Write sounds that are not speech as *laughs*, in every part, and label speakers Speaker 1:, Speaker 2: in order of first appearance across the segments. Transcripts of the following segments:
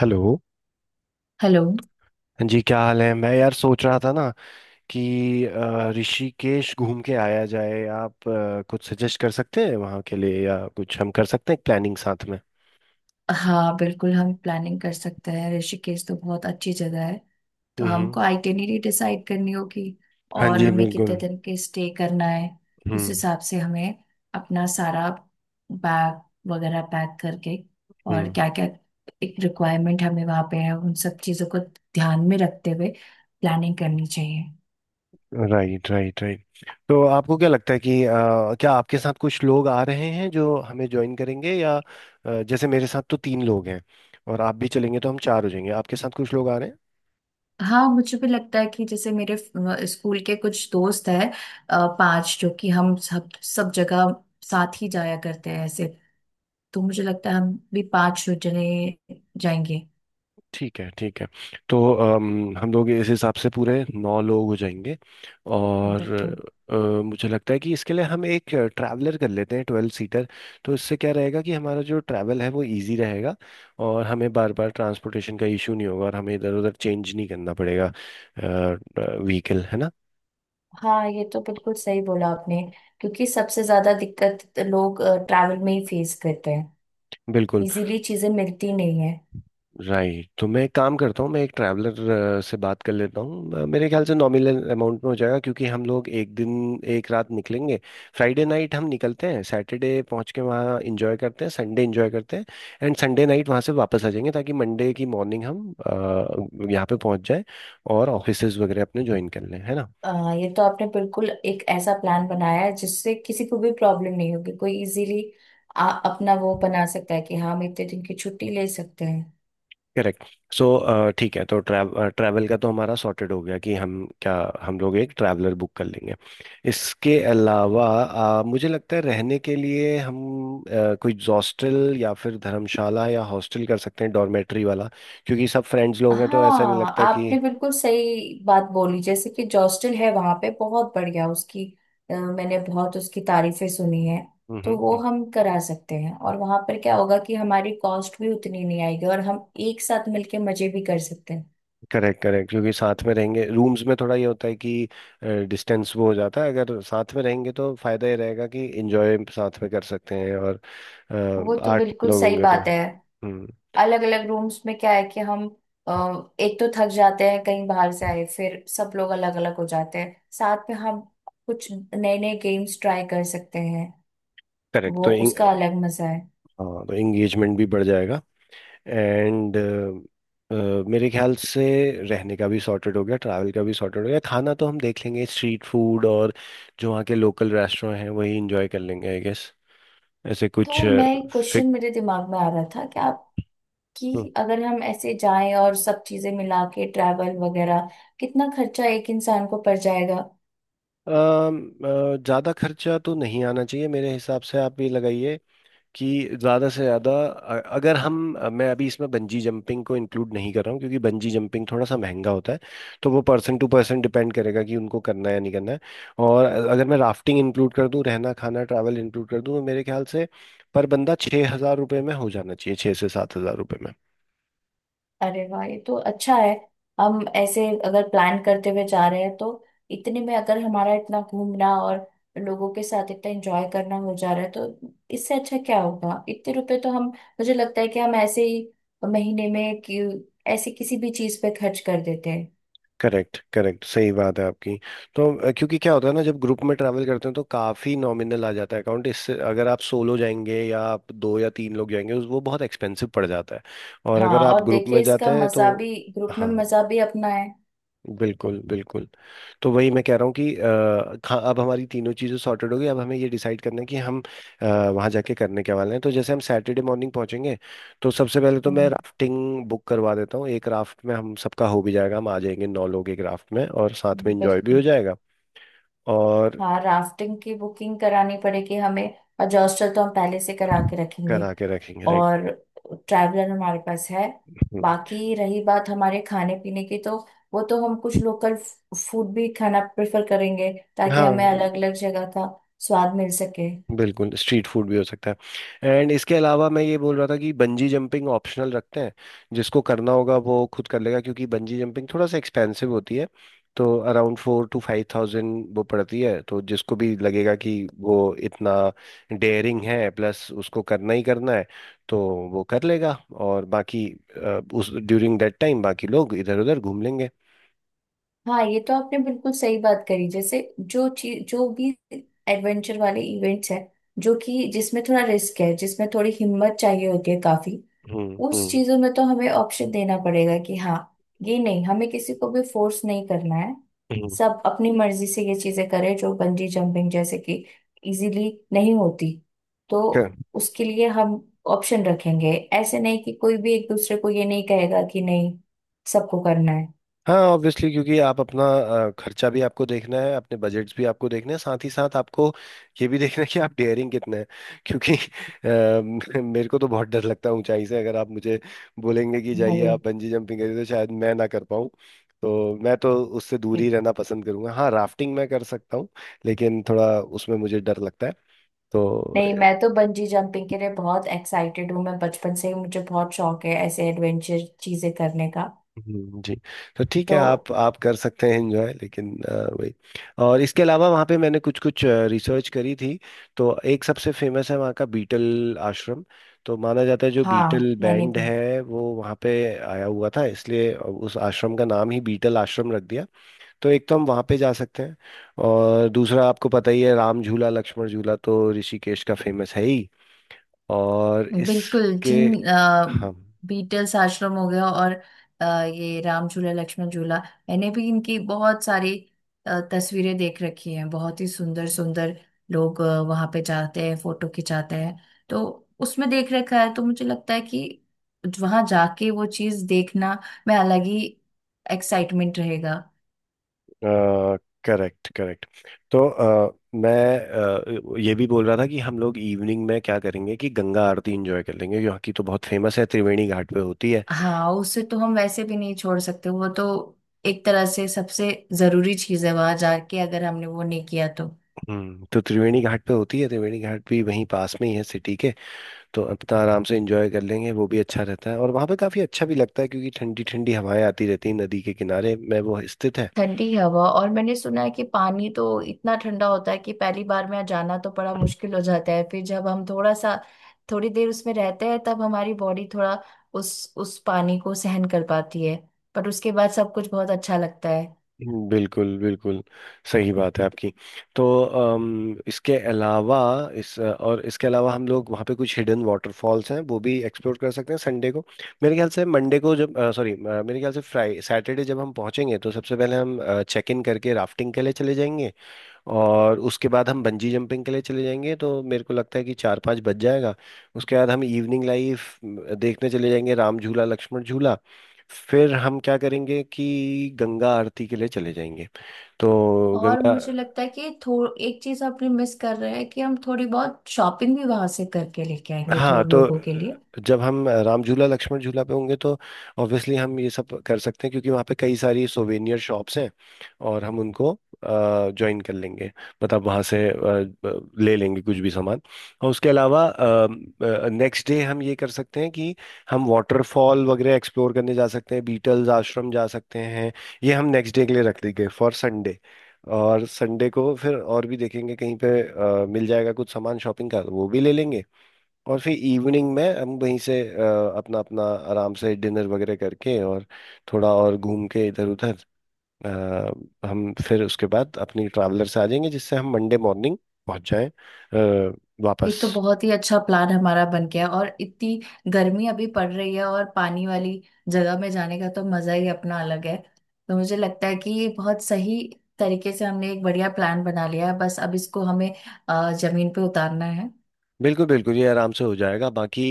Speaker 1: Hello
Speaker 2: hello.
Speaker 1: जी, क्या हाल है। मैं यार सोच रहा था ना कि ऋषिकेश घूम के आया जाए। आप कुछ सजेस्ट कर सकते हैं वहाँ के लिए, या कुछ हम कर सकते हैं प्लानिंग साथ में।
Speaker 2: हाँ बिल्कुल हम प्लानिंग कर सकते हैं। ऋषिकेश तो बहुत अच्छी जगह है। तो
Speaker 1: हम्म।
Speaker 2: हमको आइटिनरी डिसाइड करनी होगी।
Speaker 1: हाँ
Speaker 2: और
Speaker 1: जी
Speaker 2: हमें कितने
Speaker 1: बिल्कुल।
Speaker 2: दिन के स्टे करना है, उस
Speaker 1: हम्म।
Speaker 2: हिसाब से हमें अपना सारा बैग वगैरह पैक करके, और
Speaker 1: हम्म।
Speaker 2: क्या क्या एक रिक्वायरमेंट हमें वहाँ पे है, उन सब चीज़ों को ध्यान में रखते हुए प्लानिंग करनी चाहिए।
Speaker 1: Right right right. तो आपको क्या लगता है कि क्या आपके साथ कुछ लोग आ रहे हैं जो हमें ज्वाइन करेंगे, या जैसे मेरे साथ तो तीन लोग हैं और आप भी चलेंगे तो हम चार हो जाएंगे। आपके साथ कुछ लोग आ रहे हैं?
Speaker 2: हाँ मुझे भी लगता है कि जैसे मेरे स्कूल के कुछ दोस्त हैं, 5, जो कि हम सब सब जगह साथ ही जाया करते हैं ऐसे। तो मुझे लगता है हम भी 5 जने जाएंगे।
Speaker 1: ठीक है ठीक है। तो हम लोग इस हिसाब से पूरे नौ लोग हो जाएंगे। और
Speaker 2: मतलब तो
Speaker 1: अ, मुझे लगता है कि इसके लिए हम एक ट्रैवलर कर लेते हैं, 12 सीटर। तो इससे क्या रहेगा कि हमारा जो ट्रैवल है वो इजी रहेगा, और हमें बार बार ट्रांसपोर्टेशन का इशू नहीं होगा, और हमें इधर उधर चेंज नहीं करना पड़ेगा व्हीकल। है ना।
Speaker 2: हाँ, ये तो बिल्कुल सही बोला आपने, क्योंकि सबसे ज्यादा दिक्कत लोग ट्रैवल में ही फेस करते हैं।
Speaker 1: बिल्कुल।
Speaker 2: इजीली चीजें मिलती नहीं है।
Speaker 1: राइट। तो मैं एक काम करता हूँ, मैं एक ट्रैवलर से बात कर लेता हूँ। मेरे ख्याल से नॉमिनल अमाउंट में हो जाएगा क्योंकि हम लोग एक दिन एक रात निकलेंगे। फ्राइडे नाइट हम निकलते हैं, सैटरडे पहुँच के वहाँ इंजॉय करते हैं, संडे इंजॉय करते हैं, एंड संडे नाइट वहाँ से वापस आ जाएंगे ताकि मंडे की मॉर्निंग हम यहाँ पे पहुँच जाए और ऑफिसेज वगैरह अपने ज्वाइन कर लें। है ना।
Speaker 2: अ, ये तो आपने बिल्कुल एक ऐसा प्लान बनाया है जिससे किसी को भी प्रॉब्लम नहीं होगी, कोई इजीली अपना वो बना सकता है कि हाँ हम इतने दिन की छुट्टी ले सकते हैं।
Speaker 1: करेक्ट। सो ठीक है। तो ट्रैवल का तो हमारा सॉर्टेड हो गया कि हम क्या, हम लोग एक ट्रैवलर बुक कर लेंगे। इसके अलावा मुझे लगता है रहने के लिए हम कोई हॉस्टल या फिर धर्मशाला, या हॉस्टल कर सकते हैं डॉर्मेट्री वाला, क्योंकि सब फ्रेंड्स लोग हैं तो ऐसा नहीं
Speaker 2: हाँ
Speaker 1: लगता कि।
Speaker 2: आपने बिल्कुल सही बात बोली, जैसे कि जॉस्टल है वहां पे बहुत बढ़िया उसकी, मैंने बहुत उसकी तारीफें सुनी है। तो वो
Speaker 1: हम्म।
Speaker 2: हम करा सकते हैं, और वहां पर क्या होगा कि हमारी कॉस्ट भी उतनी नहीं आएगी और हम एक साथ मिलके मजे भी कर सकते हैं।
Speaker 1: करेक्ट करेक्ट, क्योंकि साथ में रहेंगे, रूम्स में थोड़ा ये होता है कि डिस्टेंस वो हो जाता है। अगर साथ में रहेंगे तो फायदा ये रहेगा कि एंजॉय साथ में कर सकते हैं, और
Speaker 2: वो
Speaker 1: अ,
Speaker 2: तो
Speaker 1: आठ
Speaker 2: बिल्कुल
Speaker 1: लोग
Speaker 2: सही
Speaker 1: होंगे तो
Speaker 2: बात है।
Speaker 1: हम्म।
Speaker 2: अलग अलग रूम्स में क्या है कि हम एक तो थक जाते हैं कहीं बाहर से आए, फिर सब लोग अलग अलग हो जाते हैं। साथ में हम कुछ नए नए गेम्स ट्राई कर सकते हैं,
Speaker 1: करेक्ट।
Speaker 2: वो
Speaker 1: तो
Speaker 2: उसका अलग मजा है।
Speaker 1: हाँ, तो एंगेजमेंट भी बढ़ जाएगा। एंड मेरे ख्याल से रहने का भी सॉर्टेड हो गया, ट्रैवल का भी सॉर्टेड हो गया। खाना तो हम देख लेंगे, स्ट्रीट फूड और जो वहाँ के लोकल रेस्टोरेंट हैं वही इंजॉय कर लेंगे आई गेस, ऐसे कुछ।
Speaker 2: तो मैं एक क्वेश्चन
Speaker 1: फिक,
Speaker 2: मेरे दिमाग में आ रहा था कि आपकी, अगर हम ऐसे जाएं और सब चीजें मिला के ट्रैवल वगैरह कितना खर्चा एक इंसान को पड़ जाएगा।
Speaker 1: ज़्यादा खर्चा तो नहीं आना चाहिए मेरे हिसाब से। आप ये लगाइए कि ज़्यादा से ज़्यादा अगर हम मैं अभी इसमें बंजी जंपिंग को इंक्लूड नहीं कर रहा हूँ क्योंकि बंजी जंपिंग थोड़ा सा महंगा होता है। तो वो पर्सन टू पर्सन डिपेंड करेगा कि उनको करना है या नहीं करना है। और अगर मैं राफ्टिंग इंक्लूड कर दूँ, रहना खाना ट्रैवल इंक्लूड कर दूँ, तो मेरे ख्याल से पर बंदा 6,000 रुपये में हो जाना चाहिए, 6,000 से 7,000 रुपये में।
Speaker 2: अरे वाह, ये तो अच्छा है। हम ऐसे अगर प्लान करते हुए जा रहे हैं तो इतने में अगर हमारा इतना घूमना और लोगों के साथ इतना एंजॉय करना हो जा रहा है, तो इससे अच्छा क्या होगा। इतने रुपए तो हम, मुझे लगता है कि हम ऐसे ही महीने में कि ऐसे किसी भी चीज पे खर्च कर देते हैं।
Speaker 1: करेक्ट करेक्ट, सही बात है आपकी। तो क्योंकि क्या होता है ना, जब ग्रुप में ट्रैवल करते हैं तो काफ़ी नॉमिनल आ जाता है अकाउंट। इससे अगर आप सोलो जाएंगे या आप दो या तीन लोग जाएंगे, उस वो बहुत एक्सपेंसिव पड़ जाता है। और अगर
Speaker 2: हाँ
Speaker 1: आप
Speaker 2: और
Speaker 1: ग्रुप
Speaker 2: देखिए,
Speaker 1: में जाते
Speaker 2: इसका
Speaker 1: हैं तो।
Speaker 2: मजा भी ग्रुप में
Speaker 1: हाँ।
Speaker 2: मजा भी अपना है।
Speaker 1: बिल्कुल बिल्कुल। तो वही मैं कह रहा हूँ कि अब हमारी तीनों चीज़ें सॉर्टेड हो गई। अब हमें ये डिसाइड करना है कि हम वहाँ जाके करने क्या वाले हैं। तो जैसे हम सैटरडे मॉर्निंग पहुँचेंगे तो सबसे पहले तो मैं
Speaker 2: हम्म,
Speaker 1: राफ्टिंग बुक करवा देता हूँ, एक राफ्ट में हम सबका हो भी जाएगा, हम आ जाएंगे नौ लोग एक राफ्ट में, और साथ में इंजॉय भी हो
Speaker 2: बिल्कुल।
Speaker 1: जाएगा। और
Speaker 2: हाँ राफ्टिंग की बुकिंग करानी पड़ेगी हमें, और हॉस्टल तो हम पहले से करा के रखेंगे,
Speaker 1: करा के रखेंगे, राइट।
Speaker 2: और ट्रैवलर हमारे पास है। बाकी रही बात हमारे खाने पीने की, तो वो तो हम कुछ लोकल फूड भी खाना प्रेफर करेंगे ताकि
Speaker 1: हाँ
Speaker 2: हमें अलग अलग जगह का स्वाद मिल सके।
Speaker 1: बिल्कुल, स्ट्रीट फूड भी हो सकता है, एंड इसके अलावा मैं ये बोल रहा था कि बंजी जंपिंग ऑप्शनल रखते हैं। जिसको करना होगा वो खुद कर लेगा, क्योंकि बंजी जंपिंग थोड़ा सा एक्सपेंसिव होती है। तो अराउंड 4,000 से 5,000 वो पड़ती है, तो जिसको भी लगेगा कि वो इतना डेयरिंग है प्लस उसको करना ही करना है तो वो कर लेगा। और बाकी उस ड्यूरिंग दैट टाइम बाकी लोग इधर उधर घूम लेंगे।
Speaker 2: हाँ ये तो आपने बिल्कुल सही बात करी, जैसे जो चीज, जो भी एडवेंचर वाले इवेंट्स हैं जो कि जिसमें थोड़ा रिस्क है, जिसमें थोड़ी हिम्मत चाहिए होती है काफी,
Speaker 1: हम्म
Speaker 2: उस
Speaker 1: हम्म
Speaker 2: चीजों में तो हमें ऑप्शन देना पड़ेगा कि हाँ, ये नहीं, हमें किसी को भी फोर्स नहीं करना है। सब अपनी मर्जी से ये चीजें करें, जो बंजी जंपिंग जैसे कि इजीली नहीं होती, तो
Speaker 1: हम्म।
Speaker 2: उसके लिए हम ऑप्शन रखेंगे। ऐसे नहीं कि कोई भी एक दूसरे को ये, नहीं कहेगा कि नहीं, सबको करना है।
Speaker 1: हाँ ऑब्वियसली, क्योंकि आप अपना खर्चा भी आपको देखना है, अपने बजट्स भी आपको देखने हैं, साथ ही साथ आपको ये भी देखना है कि आप डेयरिंग कितने हैं, क्योंकि *laughs* मेरे को तो बहुत डर लगता है ऊंचाई से। अगर आप मुझे बोलेंगे कि जाइए
Speaker 2: अरे
Speaker 1: आप बंजी जंपिंग करिए, तो शायद मैं ना कर पाऊँ। तो मैं तो उससे दूर ही रहना पसंद करूंगा। हाँ राफ्टिंग मैं कर सकता हूँ, लेकिन थोड़ा उसमें मुझे डर लगता है तो।
Speaker 2: नहीं, मैं तो बंजी जंपिंग के लिए बहुत एक्साइटेड हूँ। मैं बचपन से ही, मुझे बहुत शौक है ऐसे एडवेंचर चीजें करने का।
Speaker 1: जी। तो ठीक है,
Speaker 2: तो
Speaker 1: आप कर सकते हैं एंजॉय, लेकिन वही। और इसके अलावा वहाँ पे मैंने कुछ कुछ रिसर्च करी थी। तो एक सबसे फेमस है वहाँ का बीटल आश्रम। तो माना जाता है जो
Speaker 2: हाँ
Speaker 1: बीटल
Speaker 2: मैंने
Speaker 1: बैंड
Speaker 2: भी।
Speaker 1: है वो वहाँ पे आया हुआ था, इसलिए उस आश्रम का नाम ही बीटल आश्रम रख दिया। तो एक तो हम वहाँ पे जा सकते हैं, और दूसरा आपको पता ही है राम झूला लक्ष्मण झूला तो ऋषिकेश का फेमस है ही। और
Speaker 2: बिल्कुल,
Speaker 1: इसके। हाँ।
Speaker 2: बीटल्स आश्रम हो गया और ये राम झूला लक्ष्मण झूला, मैंने भी इनकी बहुत सारी तस्वीरें देख रखी हैं। बहुत ही सुंदर सुंदर लोग वहाँ पे जाते हैं, फोटो खिंचाते हैं। तो उसमें देख रखा है, तो मुझे लगता है कि वहाँ जाके वो चीज़ देखना में अलग ही एक्साइटमेंट रहेगा।
Speaker 1: Correct correct. तो मैं ये भी बोल रहा था कि हम लोग इवनिंग में क्या करेंगे कि गंगा आरती एंजॉय कर लेंगे, जो की तो बहुत फेमस है, त्रिवेणी घाट पे होती है।
Speaker 2: हाँ उसे तो हम वैसे भी नहीं छोड़ सकते। वो तो एक तरह से सबसे जरूरी चीज़ है, वहाँ जाके अगर हमने वो नहीं किया तो।
Speaker 1: हम्म। तो त्रिवेणी घाट पे होती है, त्रिवेणी घाट भी वहीं पास में ही है सिटी के। तो अपना आराम से एंजॉय कर लेंगे, वो भी अच्छा रहता है, और वहाँ पे काफ़ी अच्छा भी लगता है क्योंकि ठंडी ठंडी हवाएं आती रहती हैं, नदी के किनारे में वो स्थित है।
Speaker 2: ठंडी हवा, और मैंने सुना है कि पानी तो इतना ठंडा होता है कि पहली बार में जाना तो बड़ा मुश्किल हो जाता है। फिर जब हम थोड़ा सा, थोड़ी देर उसमें रहते हैं, तब हमारी बॉडी थोड़ा उस पानी को सहन कर पाती है। पर उसके बाद सब कुछ बहुत अच्छा लगता है।
Speaker 1: बिल्कुल बिल्कुल, सही बात है आपकी। तो इसके अलावा इस और इसके अलावा, हम लोग वहाँ पे कुछ हिडन वाटरफॉल्स हैं वो भी एक्सप्लोर कर सकते हैं संडे को। मेरे ख्याल से मंडे को जब सॉरी मेरे ख्याल से फ्राई सैटरडे जब हम पहुँचेंगे तो सबसे पहले हम चेक इन करके राफ्टिंग के लिए चले जाएंगे, और उसके बाद हम बंजी जंपिंग के लिए चले जाएंगे, तो मेरे को लगता है कि चार पाँच बज जाएगा। उसके बाद हम इवनिंग लाइफ देखने चले जाएंगे, राम झूला लक्ष्मण झूला। फिर हम क्या करेंगे कि गंगा आरती के लिए चले जाएंगे। तो
Speaker 2: और
Speaker 1: गंगा।
Speaker 2: मुझे लगता है कि थो एक चीज आपने मिस कर रहे हैं कि हम थोड़ी बहुत शॉपिंग भी वहां से करके लेके आएंगे,
Speaker 1: हाँ।
Speaker 2: थोड़े
Speaker 1: तो
Speaker 2: लोगों के लिए।
Speaker 1: जब हम राम झूला लक्ष्मण झूला पे होंगे तो ऑब्वियसली हम ये सब कर सकते हैं क्योंकि वहाँ पे कई सारी सोवेनियर शॉप्स हैं, और हम उनको ज्वाइन कर लेंगे। मतलब वहाँ से ले लेंगे कुछ भी सामान। और उसके अलावा नेक्स्ट डे हम ये कर सकते हैं कि हम वाटरफॉल वगैरह एक्सप्लोर करने जा सकते हैं, बीटल्स आश्रम जा सकते हैं। ये हम नेक्स्ट डे के लिए रख देंगे फॉर संडे। और संडे को फिर और भी देखेंगे कहीं पे मिल जाएगा कुछ सामान शॉपिंग का वो भी ले लेंगे। और फिर इवनिंग में हम वहीं से अपना अपना आराम से डिनर वगैरह करके, और थोड़ा और घूम के इधर उधर हम फिर उसके बाद अपनी ट्रैवलर से आ जाएंगे, जिससे हम मंडे मॉर्निंग पहुंच जाएं अ,
Speaker 2: ये
Speaker 1: वापस।
Speaker 2: तो बहुत ही अच्छा प्लान हमारा बन गया, और इतनी गर्मी अभी पड़ रही है, और पानी वाली जगह में जाने का तो मजा ही अपना अलग है। तो मुझे लगता है कि ये बहुत सही तरीके से हमने एक बढ़िया प्लान बना लिया है, बस अब इसको हमें जमीन पे उतारना है।
Speaker 1: बिल्कुल बिल्कुल, ये आराम से हो जाएगा। बाकी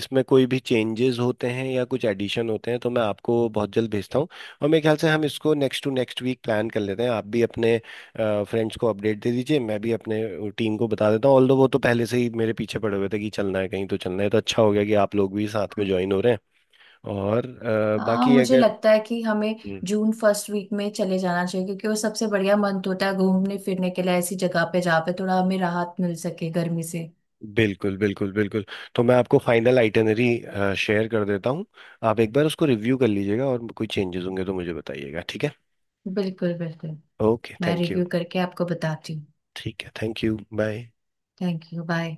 Speaker 1: इसमें कोई भी चेंजेस होते हैं या कुछ एडिशन होते हैं तो मैं आपको बहुत जल्द भेजता हूँ। और मेरे ख्याल से हम इसको next to next week plan कर लेते हैं। आप भी अपने फ्रेंड्स को अपडेट दे दीजिए, मैं भी अपने टीम को बता देता हूँ। ऑल्दो वो तो पहले से ही मेरे पीछे पड़े हुए थे कि चलना है कहीं तो चलना है, तो अच्छा हो गया कि आप लोग भी साथ में ज्वाइन हो रहे हैं। और
Speaker 2: हाँ
Speaker 1: बाकी
Speaker 2: मुझे
Speaker 1: अगर।
Speaker 2: लगता है कि हमें
Speaker 1: हम्म,
Speaker 2: जून फर्स्ट वीक में चले जाना चाहिए, क्योंकि वो सबसे बढ़िया मंथ होता है घूमने फिरने के लिए, ऐसी जगह पे जहाँ पे थोड़ा हमें राहत मिल सके गर्मी से।
Speaker 1: बिल्कुल बिल्कुल बिल्कुल। तो मैं आपको फाइनल आइटनरी शेयर कर देता हूँ। आप एक बार उसको रिव्यू कर लीजिएगा, और कोई चेंजेस होंगे तो मुझे बताइएगा, ठीक है।
Speaker 2: बिल्कुल बिल्कुल।
Speaker 1: ओके
Speaker 2: मैं
Speaker 1: थैंक यू।
Speaker 2: रिव्यू करके आपको बताती हूँ।
Speaker 1: ठीक है, thank you bye.
Speaker 2: Thank you, bye.